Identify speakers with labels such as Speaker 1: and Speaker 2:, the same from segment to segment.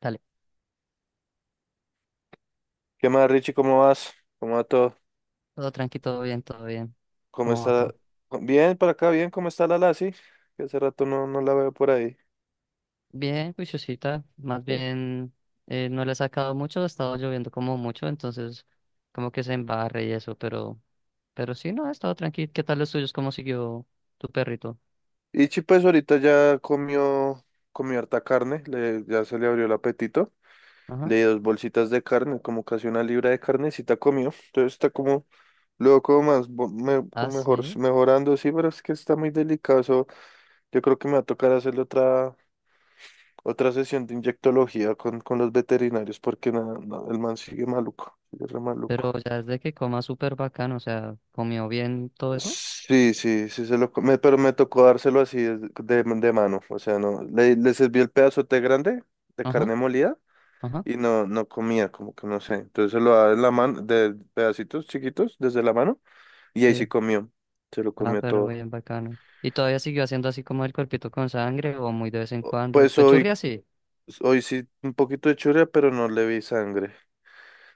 Speaker 1: Dale,
Speaker 2: ¿Qué más, Richie? ¿Cómo vas? ¿Cómo va todo?
Speaker 1: todo tranqui, todo bien, todo bien.
Speaker 2: ¿Cómo
Speaker 1: ¿Cómo va
Speaker 2: está?
Speaker 1: todo?
Speaker 2: Bien, por acá, bien. ¿Cómo está la Lassie? Que hace rato no la veo por ahí.
Speaker 1: Bien, juiciosita. Más
Speaker 2: ¿Sí?
Speaker 1: bien, no le ha sacado mucho, ha estado lloviendo como mucho, entonces como que se embarre y eso, pero sí, no, ha estado tranqui. ¿Qué tal los tuyos? ¿Cómo siguió tu perrito?
Speaker 2: Ichi, pues ahorita ya comió, comió harta carne, ya se le abrió el apetito.
Speaker 1: Ajá.
Speaker 2: Le di dos bolsitas de carne, como casi una libra de carnecita comió. Entonces está como, luego como más,
Speaker 1: Ah,
Speaker 2: como mejor,
Speaker 1: sí.
Speaker 2: mejorando, sí, pero es que está muy delicado. Eso, yo creo que me va a tocar hacerle otra sesión de inyectología con los veterinarios, porque nada, no, el man sigue maluco, sigue re maluco.
Speaker 1: Pero ya es de que coma súper bacano, o sea, comió bien todo eso.
Speaker 2: Sí, sí, sí, se lo, co- me- pero me tocó dárselo así de mano, o sea, no, le serví el pedazote grande de
Speaker 1: Ajá,
Speaker 2: carne molida
Speaker 1: ajá,
Speaker 2: y no, no comía, como que no sé, entonces se lo daba en la mano, de pedacitos chiquitos desde la mano y ahí sí
Speaker 1: sí.
Speaker 2: comió, se lo
Speaker 1: Ah,
Speaker 2: comió
Speaker 1: pero
Speaker 2: todo.
Speaker 1: bien bacano. ¿Y todavía siguió haciendo así como el cuerpito con sangre o muy de vez en cuando?
Speaker 2: Pues
Speaker 1: Pues churria sí.
Speaker 2: hoy sí un poquito de churia, pero no le vi sangre.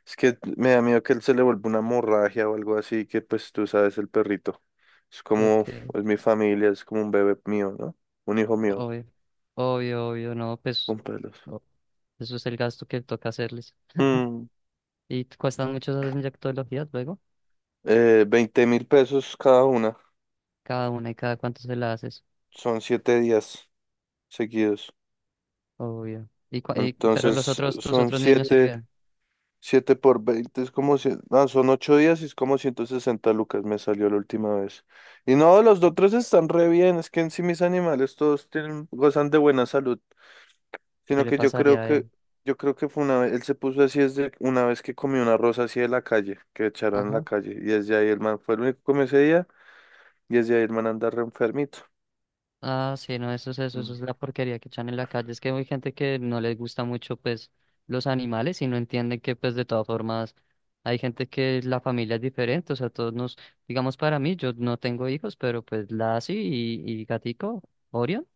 Speaker 2: Es que me da miedo que él se le vuelva una hemorragia o algo así, que pues tú sabes, el perrito, es como,
Speaker 1: Ok.
Speaker 2: es mi familia, es como un bebé mío, ¿no? Un hijo mío,
Speaker 1: Obvio, obvio, obvio, no, pues
Speaker 2: con pelos.
Speaker 1: no, eso es el gasto que toca hacerles.
Speaker 2: Mm,
Speaker 1: ¿Y te cuestan mucho esas inyectologías luego?
Speaker 2: 20.000 pesos cada una.
Speaker 1: Cada una y cada cuánto se la haces,
Speaker 2: Son 7 días seguidos.
Speaker 1: obvio. Y, cua- y- pero los
Speaker 2: Entonces
Speaker 1: otros, tus
Speaker 2: son
Speaker 1: otros niños sí bien,
Speaker 2: 7 por 20 es como, son 8 días y es como 160 lucas me salió la última vez. Y no, los otros están re bien, es que en sí mis animales todos tienen, gozan de buena salud,
Speaker 1: ¿qué
Speaker 2: sino
Speaker 1: le
Speaker 2: que
Speaker 1: pasaría a él?
Speaker 2: yo creo que fue una vez, él se puso así desde una vez que comió una rosa así de la calle, que echaron en la
Speaker 1: Ajá.
Speaker 2: calle, y desde ahí el man fue el único que comió ese día, y desde ahí el man anda re enfermito.
Speaker 1: Ah, sí, no, eso es eso, eso es la porquería que echan en la calle. Es que hay gente que no les gusta mucho, pues, los animales y no entienden que, pues, de todas formas, hay gente que la familia es diferente. O sea, todos nos, digamos, para mí, yo no tengo hijos, pero pues la sí y gatico, Orion.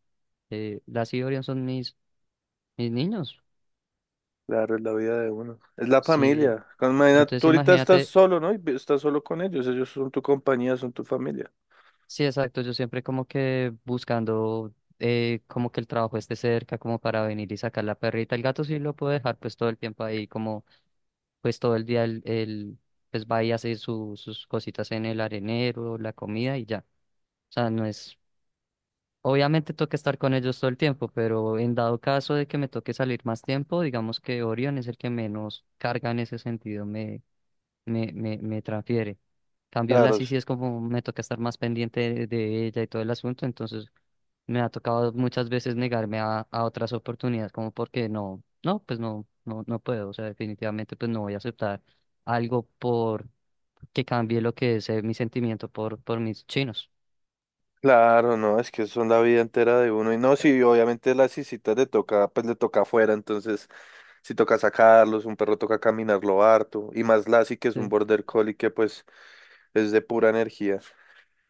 Speaker 1: Las y Orion son mis, mis niños.
Speaker 2: Claro, es la vida de uno. Es la
Speaker 1: Sí.
Speaker 2: familia. Imagina,
Speaker 1: Entonces
Speaker 2: tú ahorita estás
Speaker 1: imagínate,
Speaker 2: solo, ¿no? Y vi- estás solo con ellos. Ellos son tu compañía, son tu familia.
Speaker 1: sí, exacto, yo siempre como que buscando como que el trabajo esté cerca, como para venir y sacar la perrita. El gato sí lo puedo dejar pues todo el tiempo ahí, como pues todo el día él, él, pues va y hace su- sus cositas en el arenero, la comida y ya. O sea, no es, obviamente toca estar con ellos todo el tiempo, pero en dado caso de que me toque salir más tiempo, digamos que Orion es el que menos carga en ese sentido me transfiere. Cambio la
Speaker 2: Claro,
Speaker 1: sí sí
Speaker 2: sí.
Speaker 1: es como me toca estar más pendiente de ella y todo el asunto, entonces me ha tocado muchas veces negarme a otras oportunidades, como porque no, no, pues no, no, no puedo, o sea, definitivamente pues no voy a aceptar algo por que cambie lo que es mi sentimiento por mis chinos.
Speaker 2: Claro, no, es que son la vida entera de uno. Y no, sí, obviamente las cisitas le toca, pues le toca afuera, entonces si toca sacarlos, un perro toca caminarlo harto. Y más Lassie, que es un
Speaker 1: Sí.
Speaker 2: border collie que pues es de pura energía.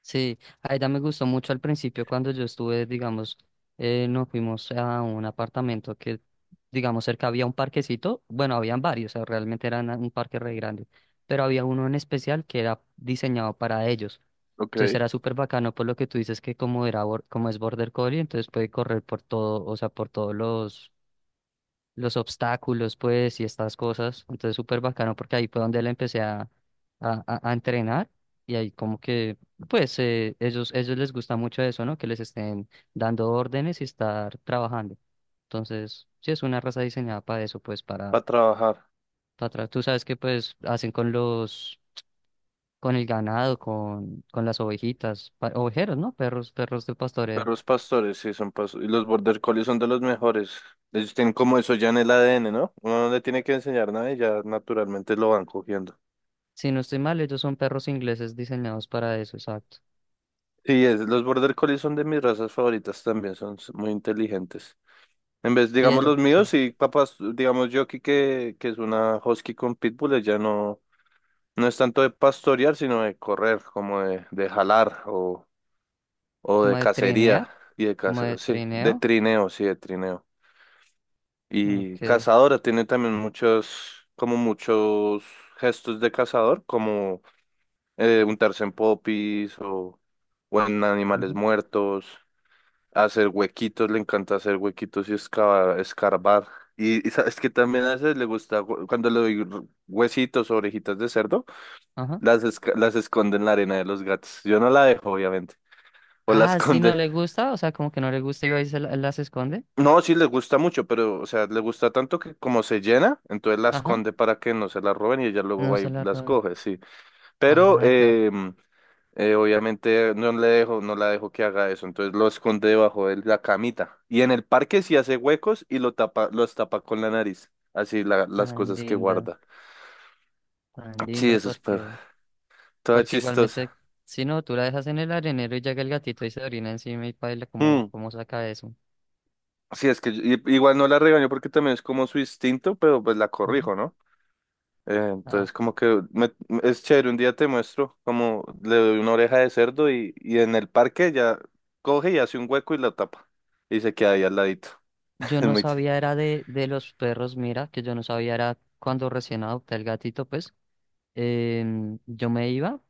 Speaker 1: Sí, a ella me gustó mucho al principio cuando yo estuve, digamos, nos fuimos a un apartamento que, digamos, cerca había un parquecito, bueno, habían varios, o sea, realmente era una- un parque re grande, pero había uno en especial que era diseñado para ellos.
Speaker 2: Ok.
Speaker 1: Entonces era súper bacano por lo que tú dices que como era, bor- como es Border Collie, entonces puede correr por todo, o sea, por todos los obstáculos, pues, y estas cosas. Entonces, súper bacano porque ahí fue donde le empecé a entrenar y ahí como que, pues, ellos, ellos les gusta mucho eso, ¿no? Que les estén dando órdenes y estar trabajando. Entonces, sí, es una raza diseñada para eso, pues,
Speaker 2: Para trabajar.
Speaker 1: para atrás. Tú sabes que, pues, hacen con los, con el ganado, con las ovejitas, pa- ovejeros, ¿no? Perros, perros de pastoreo.
Speaker 2: Perros pastores, sí, son pastores. Y los border collies son de los mejores. Ellos tienen como eso ya en el ADN, ¿no? Uno no le tiene que enseñar nada y ya naturalmente lo van cogiendo.
Speaker 1: Si no estoy mal, ellos son perros ingleses diseñados para eso, exacto.
Speaker 2: Sí, es, los border collies son de mis razas favoritas también, son muy inteligentes. En vez,
Speaker 1: Y
Speaker 2: digamos,
Speaker 1: ella,
Speaker 2: los míos,
Speaker 1: sí.
Speaker 2: sí, capaz, digamos, yo aquí que, es una husky con pitbull, ya no, no es tanto de pastorear, sino de correr, como de jalar o, de
Speaker 1: Como de
Speaker 2: cacería
Speaker 1: trinear,
Speaker 2: y de
Speaker 1: como
Speaker 2: cacería,
Speaker 1: de
Speaker 2: sí, de
Speaker 1: trineo.
Speaker 2: trineo, sí, de trineo. Y
Speaker 1: Okay,
Speaker 2: cazadora tiene también muchos, como muchos gestos de cazador, como untarse en popis o, en animales
Speaker 1: ujú,
Speaker 2: muertos, hacer huequitos, le encanta hacer huequitos y escavar, escarbar. Y sabes que también a veces le gusta, cuando le doy huesitos o orejitas de cerdo,
Speaker 1: ajá.
Speaker 2: las esconde en la arena de los gatos. Yo no la dejo, obviamente, o la
Speaker 1: Ah, si no
Speaker 2: esconde.
Speaker 1: le gusta, o sea, como que no le gusta y ahí se la- las esconde.
Speaker 2: No, sí le gusta mucho, pero, o sea, le gusta tanto que como se llena, entonces la
Speaker 1: Ajá.
Speaker 2: esconde para que no se la roben y ella luego
Speaker 1: No
Speaker 2: va
Speaker 1: se
Speaker 2: y
Speaker 1: la
Speaker 2: las
Speaker 1: roba.
Speaker 2: coge, sí. Pero
Speaker 1: Ay, pero
Speaker 2: obviamente no le dejo, no la dejo que haga eso, entonces lo esconde debajo de la camita. Y en el parque sí hace huecos y lo tapa, los tapa con la nariz. Así las
Speaker 1: tan
Speaker 2: cosas que
Speaker 1: linda,
Speaker 2: guarda.
Speaker 1: tan
Speaker 2: Sí,
Speaker 1: linda
Speaker 2: eso es perro.
Speaker 1: porque,
Speaker 2: Toda
Speaker 1: porque
Speaker 2: chistosa.
Speaker 1: igualmente, si no, tú la dejas en el arenero y llega el gatito y se orina encima y paila, ¿cómo,
Speaker 2: Mm.
Speaker 1: cómo saca eso?
Speaker 2: Sí, es que igual no la regaño porque también es como su instinto, pero pues la
Speaker 1: Ujú.
Speaker 2: corrijo, ¿no?
Speaker 1: Ah,
Speaker 2: Entonces, es chévere, un día te muestro como le doy una oreja de cerdo y en el parque ya coge y hace un hueco y la tapa. Y se queda ahí al ladito.
Speaker 1: yo
Speaker 2: Es
Speaker 1: no
Speaker 2: muy chévere.
Speaker 1: sabía era de los perros, mira, que yo no sabía era cuando recién adopté el gatito, pues, yo me iba.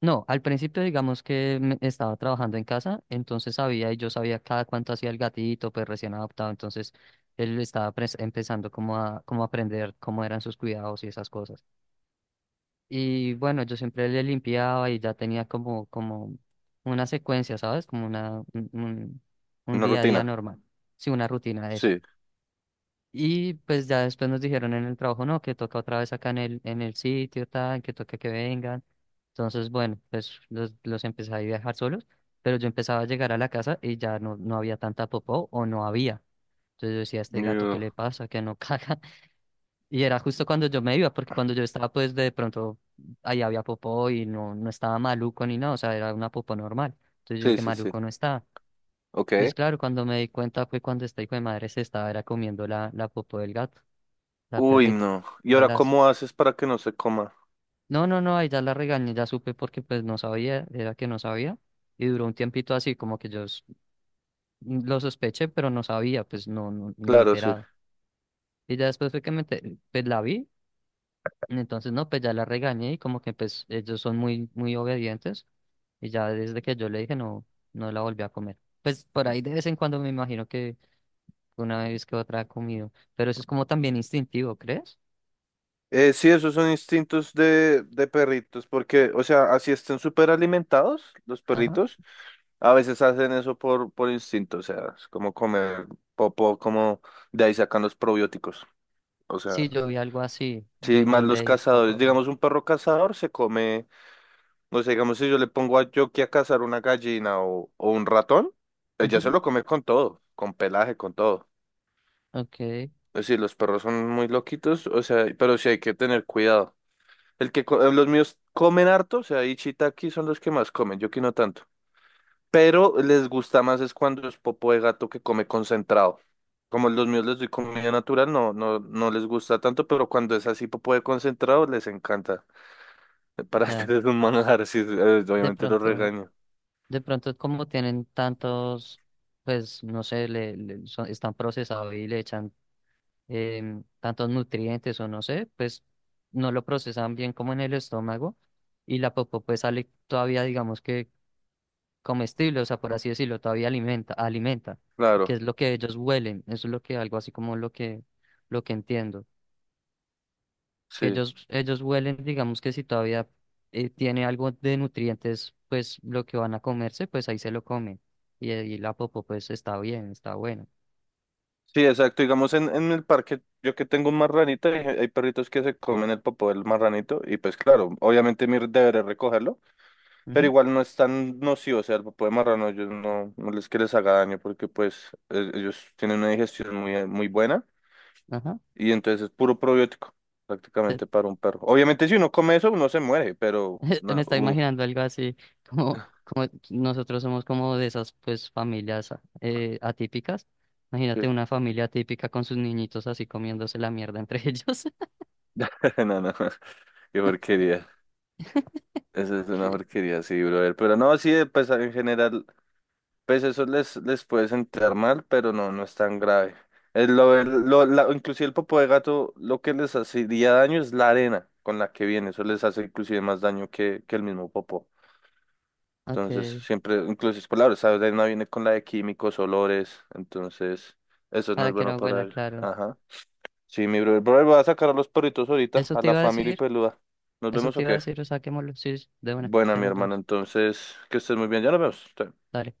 Speaker 1: No, al principio digamos que me- estaba trabajando en casa, entonces sabía y yo sabía cada cuánto hacía el gatito, pues recién adoptado, entonces él estaba pres- empezando como a como a aprender cómo eran sus cuidados y esas cosas. Y bueno, yo siempre le limpiaba y ya tenía como como una secuencia, ¿sabes? Como una un
Speaker 2: Una
Speaker 1: día a día
Speaker 2: rutina.
Speaker 1: normal, sí, una rutina de eso.
Speaker 2: Sí.
Speaker 1: Y pues ya después nos dijeron en el trabajo, no, que toca otra vez acá en el sitio, tal, que toca que vengan. Entonces, bueno, pues los empecé ahí a dejar solos, pero yo empezaba a llegar a la casa y ya no, no había tanta popó o no había. Entonces yo decía, este gato, ¿qué
Speaker 2: Yo-
Speaker 1: le pasa? Que no caga. Y era justo cuando yo me iba, porque cuando yo estaba, pues de pronto ahí había popó y no, no estaba maluco ni nada, o sea, era una popó normal. Entonces yo
Speaker 2: Sí,
Speaker 1: dije,
Speaker 2: sí, sí.
Speaker 1: maluco no estaba.
Speaker 2: Ok.
Speaker 1: Pues claro, cuando me di cuenta fue cuando este hijo de madre se estaba era comiendo la, la popó del gato. La
Speaker 2: Uy,
Speaker 1: perrita.
Speaker 2: no. ¿Y
Speaker 1: A
Speaker 2: ahora
Speaker 1: las...
Speaker 2: cómo haces para que no se coma?
Speaker 1: No, no, no, ahí ya la regañé, ya supe porque pues no sabía, era que no sabía. Y duró un tiempito así, como que yo s- lo sospeché, pero no sabía, pues no, no ni
Speaker 2: Claro, sí.
Speaker 1: enterado. Y ya después fue que me ente- pues la vi, entonces no, pues ya la regañé y como que pues ellos son muy, muy obedientes. Y ya desde que yo le dije no, no la volví a comer. Pues por ahí de vez en cuando me imagino que una vez que otra ha comido. Pero eso es como también instintivo, ¿crees?
Speaker 2: Sí, esos son instintos de perritos, porque, o sea, así estén súper alimentados los
Speaker 1: Ajá.
Speaker 2: perritos, a veces hacen eso por instinto, o sea, es como comer popo, como de ahí sacan los probióticos, o sea,
Speaker 1: Sí, yo vi algo así,
Speaker 2: sí,
Speaker 1: yo,
Speaker 2: más
Speaker 1: yo
Speaker 2: los
Speaker 1: leí de esta
Speaker 2: cazadores,
Speaker 1: forma.
Speaker 2: digamos, un perro cazador se come, no sé, digamos, si yo le pongo a Yoki a cazar una gallina o, un ratón, ella se
Speaker 1: Ujú.
Speaker 2: lo come con todo, con pelaje, con todo.
Speaker 1: Ok,
Speaker 2: Es decir, los perros son muy loquitos, o sea, pero sí hay que tener cuidado. El que los míos comen harto, o sea, y shiitake son los que más comen, yo que no tanto. Pero les gusta más es cuando es popo de gato que come concentrado. Como los míos les doy comida natural, no, no, no les gusta tanto, pero cuando es así popo de concentrado, les encanta. Para hacer
Speaker 1: ya.
Speaker 2: es un manjar, sí,
Speaker 1: De
Speaker 2: obviamente los
Speaker 1: pronto,
Speaker 2: regaño.
Speaker 1: de pronto como tienen tantos, pues no sé, le- son- están procesados y le echan tantos nutrientes o no sé, pues no lo procesan bien como en el estómago y la popó pues sale todavía, digamos que comestible, o sea, por así decirlo, todavía alimenta, alimenta, que
Speaker 2: Claro,
Speaker 1: es lo que ellos huelen, eso es lo que algo así como lo que entiendo. Que
Speaker 2: sí.
Speaker 1: ellos huelen, digamos que si todavía tiene algo de nutrientes, pues lo que van a comerse, pues ahí se lo comen. Y, ahí la popo, pues está bien, está bueno.
Speaker 2: Sí, exacto. Digamos, en el parque, yo que tengo un marranito, hay perritos que se comen el popo del marranito, y pues claro, obviamente mi deber es recogerlo. Pero
Speaker 1: Ujú,
Speaker 2: igual no es tan nocivo, o sea, el popó de marrano ellos no, no les que les haga daño porque pues ellos tienen una digestión muy, muy buena
Speaker 1: ajá.
Speaker 2: y entonces es puro probiótico
Speaker 1: Te-
Speaker 2: prácticamente para un perro. Obviamente si uno come eso uno se muere, pero
Speaker 1: me
Speaker 2: no,
Speaker 1: está
Speaker 2: uf,
Speaker 1: imaginando algo así, como, como nosotros somos como de esas pues familias atípicas.
Speaker 2: sí,
Speaker 1: Imagínate una familia atípica con sus niñitos así comiéndose la mierda entre ellos.
Speaker 2: no, no, qué porquería. Eso es una porquería, sí, brother. Pero no, sí, pues en general. Pues eso les puede sentar mal, pero no, no es tan grave. Es lo, el- lo- la- inclusive el popo de gato lo que les hacería daño es la arena con la que viene. Eso les hace inclusive más daño que el mismo popó.
Speaker 1: Ok,
Speaker 2: Entonces, siempre, inclusive por la hora, esa arena viene con la de químicos, olores. Entonces, eso no es
Speaker 1: para que
Speaker 2: bueno
Speaker 1: no
Speaker 2: para
Speaker 1: huela,
Speaker 2: él.
Speaker 1: claro.
Speaker 2: Ajá. Sí, mi brother. Brother, voy a sacar a los perritos ahorita,
Speaker 1: Eso
Speaker 2: a
Speaker 1: te
Speaker 2: la
Speaker 1: iba a
Speaker 2: familia
Speaker 1: decir,
Speaker 2: peluda. ¿Nos
Speaker 1: eso
Speaker 2: vemos o
Speaker 1: te iba a
Speaker 2: qué?
Speaker 1: decir, o saquémoslo, sí, sí, de una,
Speaker 2: Buena,
Speaker 1: ya
Speaker 2: mi
Speaker 1: nos
Speaker 2: hermano.
Speaker 1: vemos.
Speaker 2: Entonces, que estés muy bien. Ya nos vemos. Chao.
Speaker 1: Dale.